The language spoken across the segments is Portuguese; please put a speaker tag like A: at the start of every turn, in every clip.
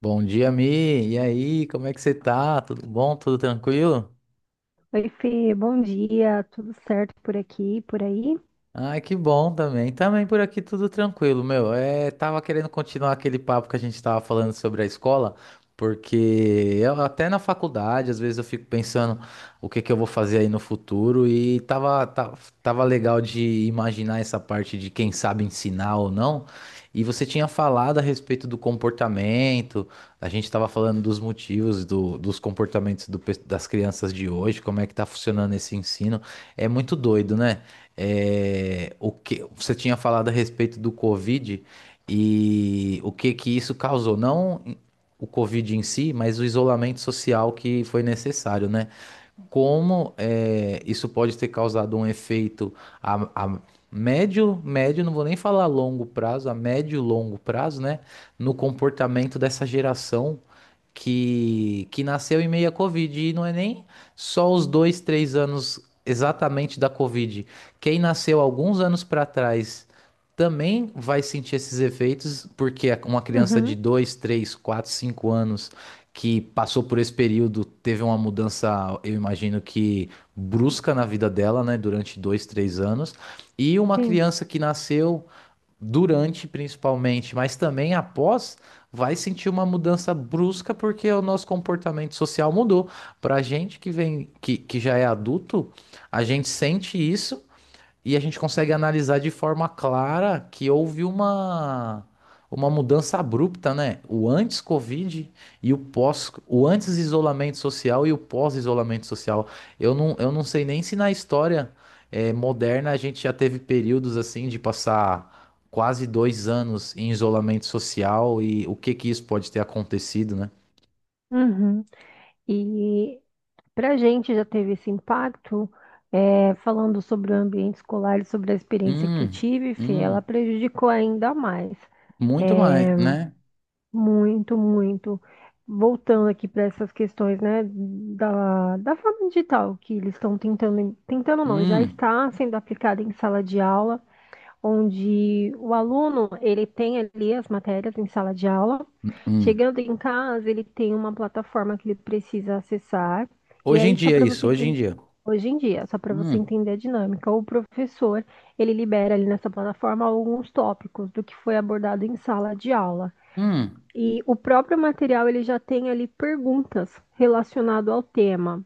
A: Bom dia, Mi. E aí, como é que você tá? Tudo bom? Tudo tranquilo?
B: Oi, Fê, bom dia, tudo certo por aqui, por aí?
A: Ai, que bom também. Também por aqui tudo tranquilo, meu. É, tava querendo continuar aquele papo que a gente tava falando sobre a escola, porque eu, até na faculdade, às vezes eu fico pensando o que que eu vou fazer aí no futuro e tava legal de imaginar essa parte de quem sabe ensinar ou não. E você tinha falado a respeito do comportamento, a gente tava falando dos motivos dos comportamentos das crianças de hoje, como é que tá funcionando esse ensino. É muito doido, né? É, o que você tinha falado a respeito do Covid e o que que isso causou, não o Covid em si, mas o isolamento social que foi necessário, né? Como isso pode ter causado um efeito a médio, não vou nem falar longo prazo, a médio e longo prazo, né, no comportamento dessa geração que nasceu em meio à Covid. E não é nem só os dois, três anos exatamente da Covid. Quem nasceu alguns anos para trás também vai sentir esses efeitos, porque é uma criança de
B: Uhum,
A: 2 3 4 5 anos que passou por esse período, teve uma mudança, eu imagino que brusca na vida dela, né, durante dois, três anos, e uma
B: sim.
A: criança que nasceu durante, principalmente, mas também após, vai sentir uma mudança brusca porque o nosso comportamento social mudou. Para a gente que vem, que já é adulto, a gente sente isso. E a gente consegue analisar de forma clara que houve uma mudança abrupta, né? O antes-Covid e o antes-isolamento social e o pós-isolamento social. Eu não sei nem se na história moderna a gente já teve períodos assim de passar quase 2 anos em isolamento social e o que que isso pode ter acontecido, né?
B: Uhum. E para a gente já teve esse impacto, falando sobre o ambiente escolar e sobre a experiência que eu
A: Hum,
B: tive, Fê, ela
A: hum,
B: prejudicou ainda mais,
A: muito mais, né?
B: muito, muito. Voltando aqui para essas questões, né, da forma digital que eles estão tentando, tentando não, já
A: Hum,
B: está sendo aplicada em sala de aula, onde o aluno ele tem ali as matérias em sala de aula.
A: hum.
B: Chegando em casa, ele tem uma plataforma que ele precisa acessar. E
A: Hoje em
B: aí, só
A: dia é
B: para
A: isso,
B: você
A: hoje em
B: entender,
A: dia.
B: hoje em dia, só para você
A: Hum.
B: entender a dinâmica, o professor ele libera ali nessa plataforma alguns tópicos do que foi abordado em sala de aula.
A: Hum,
B: E o próprio material ele já tem ali perguntas relacionado ao tema.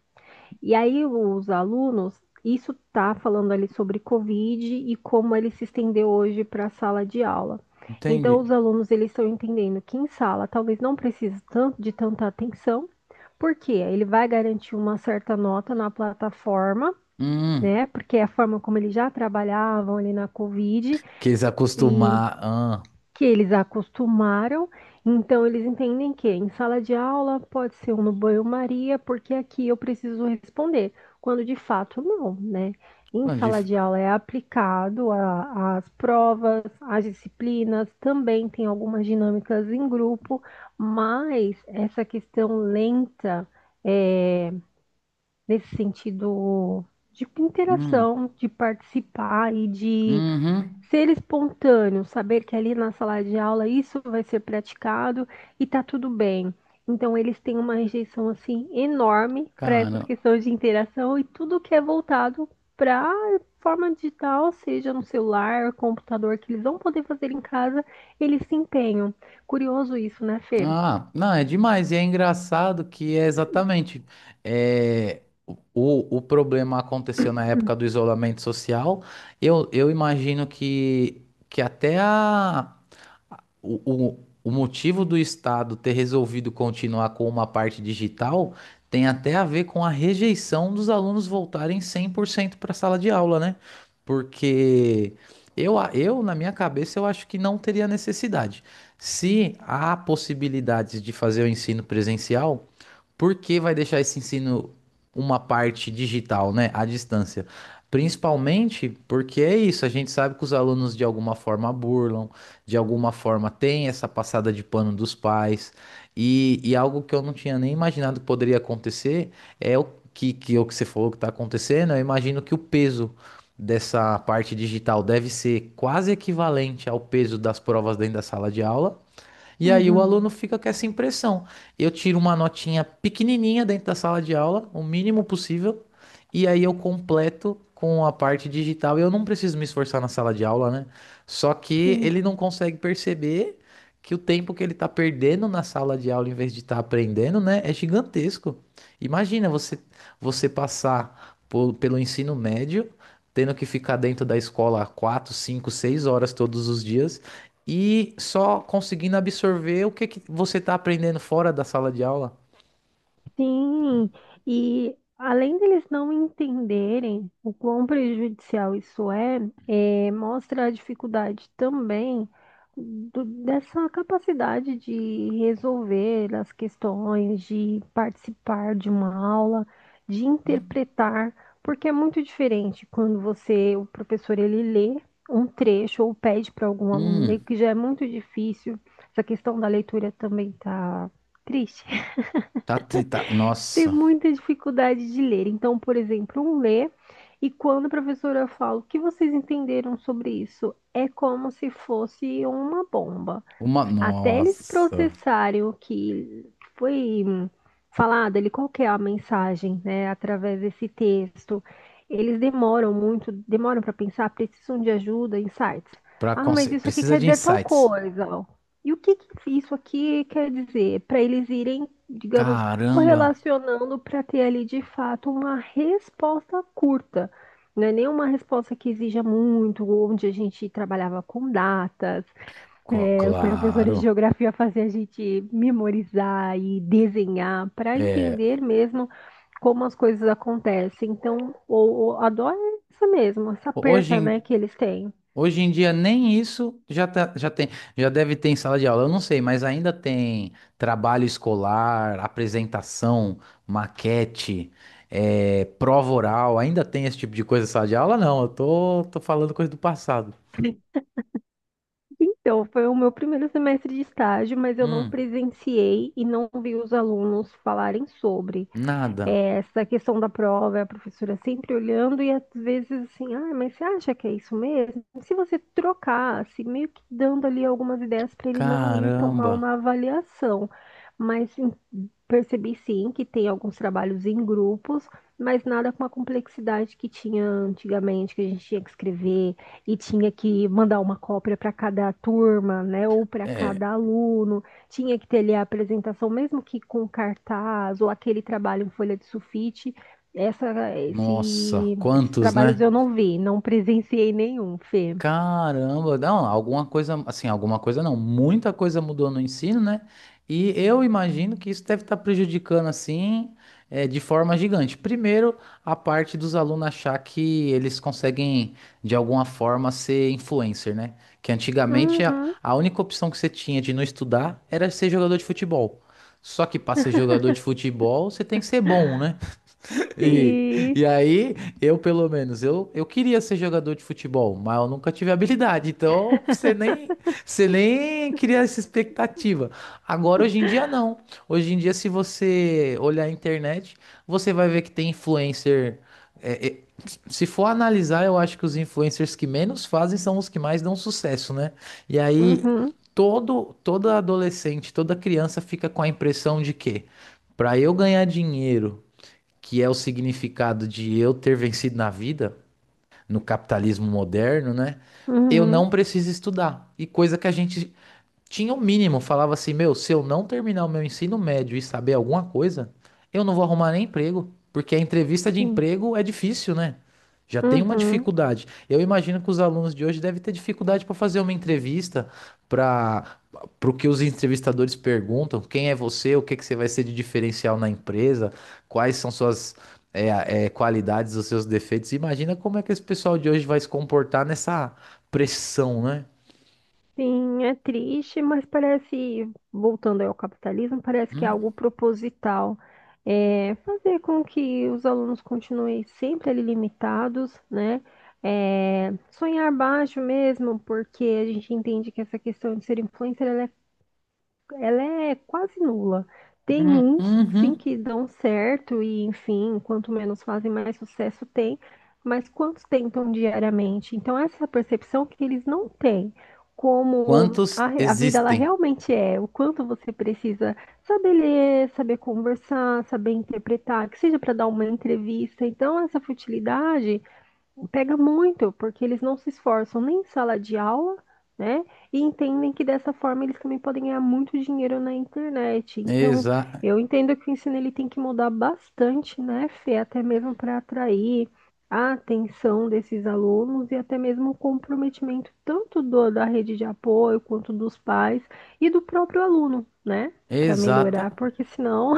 B: E aí os alunos, isso está falando ali sobre Covid e como ele se estendeu hoje para a sala de aula. Então
A: entendi.
B: os alunos eles estão entendendo que em sala talvez não precise tanto de tanta atenção, porque ele vai garantir uma certa nota na plataforma,
A: Hum,
B: né? Porque é a forma como eles já trabalhavam ali na Covid
A: quis
B: e
A: acostumar. Ah,
B: que eles acostumaram, então eles entendem que em sala de aula pode ser um no banho-maria, porque aqui eu preciso responder, quando de fato não, né? Em
A: quando
B: sala
A: dif-
B: de aula é aplicado às provas, às disciplinas, também tem algumas dinâmicas em grupo, mas essa questão lenta, é, nesse sentido de
A: hum,
B: interação, de participar e de
A: uhum,
B: ser espontâneo, saber que ali na sala de aula isso vai ser praticado e tá tudo bem. Então eles têm uma rejeição assim enorme para essas
A: cara.
B: questões de interação e tudo que é voltado para forma digital, seja no celular, computador que eles vão poder fazer em casa, eles se empenham. Curioso isso, né, Fê?
A: Ah, não, é demais. E é engraçado que é exatamente. É, o problema aconteceu na época do isolamento social. Eu imagino que até a. O, o motivo do Estado ter resolvido continuar com uma parte digital tem até a ver com a rejeição dos alunos voltarem 100% para a sala de aula, né? Porque eu, na minha cabeça, eu acho que não teria necessidade. Se há possibilidades de fazer o ensino presencial, porque vai deixar esse ensino uma parte digital, né, à distância? Principalmente porque é isso, a gente sabe que os alunos de alguma forma burlam, de alguma forma tem essa passada de pano dos pais, e algo que eu não tinha nem imaginado que poderia acontecer é o é o que você falou que está acontecendo, eu imagino que o peso dessa parte digital deve ser quase equivalente ao peso das provas dentro da sala de aula, e aí o
B: Uhum,
A: aluno fica com essa impressão. Eu tiro uma notinha pequenininha dentro da sala de aula, o mínimo possível, e aí eu completo com a parte digital. Eu não preciso me esforçar na sala de aula, né? Só que
B: sim.
A: ele não consegue perceber que o tempo que ele está perdendo na sala de aula em vez de estar aprendendo, né, é gigantesco. Imagina você passar pelo ensino médio tendo que ficar dentro da escola 4 5 6 horas todos os dias e só conseguindo absorver o que, que você está aprendendo fora da sala de aula.
B: Sim, e além deles não entenderem o quão prejudicial isso é, mostra a dificuldade também dessa capacidade de resolver as questões, de participar de uma aula, de interpretar, porque é muito diferente quando você, o professor, ele lê um trecho ou pede para algum aluno ler,
A: Hum,
B: que já é muito difícil. Essa questão da leitura também tá triste,
A: Tá, tá,
B: ter
A: nossa,
B: muita dificuldade de ler. Então, por exemplo, um lê e quando a professora fala o que vocês entenderam sobre isso, é como se fosse uma bomba. Até eles
A: nossa,
B: processarem o que foi falado ali, qual que é a mensagem, né, através desse texto. Eles demoram muito, demoram para pensar, precisam de ajuda, insights. Ah, mas isso aqui
A: precisa
B: quer
A: de
B: dizer tal
A: insights.
B: coisa. E o que que isso aqui quer dizer? Para eles irem, digamos,
A: Caramba.
B: correlacionando para ter ali de fato uma resposta curta. Não é nenhuma resposta que exija muito, onde a gente trabalhava com datas, os professores de
A: Claro.
B: geografia faziam a gente memorizar e desenhar para entender mesmo como as coisas acontecem. Então, a dó é essa mesmo, essa
A: Hoje,
B: perca,
A: em-
B: né, que eles têm.
A: Hoje em dia nem isso já, já tem, já deve ter em sala de aula, eu não sei, mas ainda tem trabalho escolar, apresentação, maquete, prova oral, ainda tem esse tipo de coisa em sala de aula? Não, eu tô falando coisa do passado.
B: Então, foi o meu primeiro semestre de estágio, mas eu não
A: Hum,
B: presenciei e não vi os alunos falarem sobre.
A: nada.
B: É, essa questão da prova, é a professora sempre olhando e às vezes assim, ah, mas você acha que é isso mesmo? Se você trocasse, meio que dando ali algumas ideias para ele não ir tão
A: Caramba.
B: mal na avaliação. Mas em- Percebi sim que tem alguns trabalhos em grupos, mas nada com a complexidade que tinha antigamente, que a gente tinha que escrever e tinha que mandar uma cópia para cada turma, né, ou para
A: É,
B: cada aluno, tinha que ter ali a apresentação, mesmo que com cartaz ou aquele trabalho em folha de sulfite,
A: nossa,
B: esses
A: quantos,
B: trabalhos
A: né?
B: eu não vi, não presenciei nenhum, Fê.
A: Caramba, não, alguma coisa, assim, alguma coisa não, muita coisa mudou no ensino, né? E eu imagino que isso deve estar prejudicando, assim, de forma gigante. Primeiro, a parte dos alunos achar que eles conseguem, de alguma forma, ser influencer, né? Que antigamente a,
B: Uhum,
A: a única opção que você tinha de não estudar era ser jogador de futebol. Só que para ser jogador de futebol, você tem que ser bom, né? E,
B: sim.
A: e aí, eu pelo menos, eu queria ser jogador de futebol, mas eu nunca tive habilidade, então você nem, você nem cria essa expectativa. Agora, hoje em dia, não. Hoje em dia, se você olhar a internet, você vai ver que tem influencer. é, é, se for analisar, eu acho que os influencers que menos fazem são os que mais dão sucesso, né? E aí,
B: Uhum,
A: todo, toda adolescente, toda criança fica com a impressão de que, para eu ganhar dinheiro que é o significado de eu ter vencido na vida, no capitalismo moderno, né? Eu
B: uhum,
A: não preciso estudar. E coisa que a gente tinha o mínimo, falava assim, meu, se eu não terminar o meu ensino médio e saber alguma coisa, eu não vou arrumar nem emprego, porque a entrevista de
B: sim.
A: emprego é difícil, né? Já tem uma
B: Uhum.
A: dificuldade. Eu imagino que os alunos de hoje devem ter dificuldade para fazer uma entrevista, para para o que os entrevistadores perguntam, quem é você, o que que você vai ser de diferencial na empresa, quais são suas qualidades, os seus defeitos. Imagina como é que esse pessoal de hoje vai se comportar nessa pressão, né?
B: Sim, é triste, mas parece, voltando aí ao capitalismo, parece que é
A: Hum,
B: algo proposital. É fazer com que os alunos continuem sempre ali limitados, né? É, sonhar baixo mesmo, porque a gente entende que essa questão de ser influencer, ela é quase nula. Tem uns, sim,
A: uhum.
B: que dão certo e, enfim, quanto menos fazem, mais sucesso tem, mas quantos tentam diariamente? Então, essa é a percepção que eles não têm, como
A: Quantos
B: a vida ela
A: existem?
B: realmente é, o quanto você precisa saber ler, saber conversar, saber interpretar, que seja para dar uma entrevista. Então, essa futilidade pega muito, porque eles não se esforçam nem em sala de aula, né? E entendem que dessa forma eles também podem ganhar muito dinheiro na internet. Então,
A: Exa
B: eu entendo que o ensino ele tem que mudar bastante, né, Fê? Até mesmo para atrair a atenção desses alunos e até mesmo o comprometimento tanto da rede de apoio quanto dos pais e do próprio aluno, né? Para melhorar,
A: exata.
B: porque senão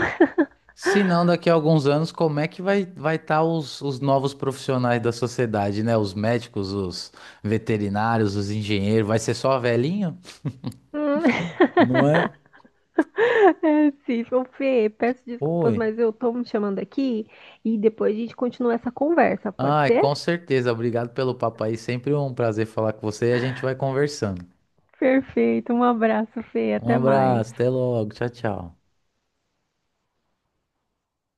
A: Se não, daqui a alguns anos, como é que vai estar os novos profissionais da sociedade, né? Os médicos, os veterinários, os engenheiros, vai ser só velhinho? Não é?
B: Sim, ô Fê, peço desculpas,
A: Oi.
B: mas eu tô me chamando aqui e depois a gente continua essa conversa, pode
A: Ai, com
B: ser?
A: certeza. Obrigado pelo papo aí. Sempre um prazer falar com você e a gente vai conversando.
B: Perfeito, um abraço, Fê,
A: Um
B: até mais.
A: abraço, até logo. Tchau, tchau.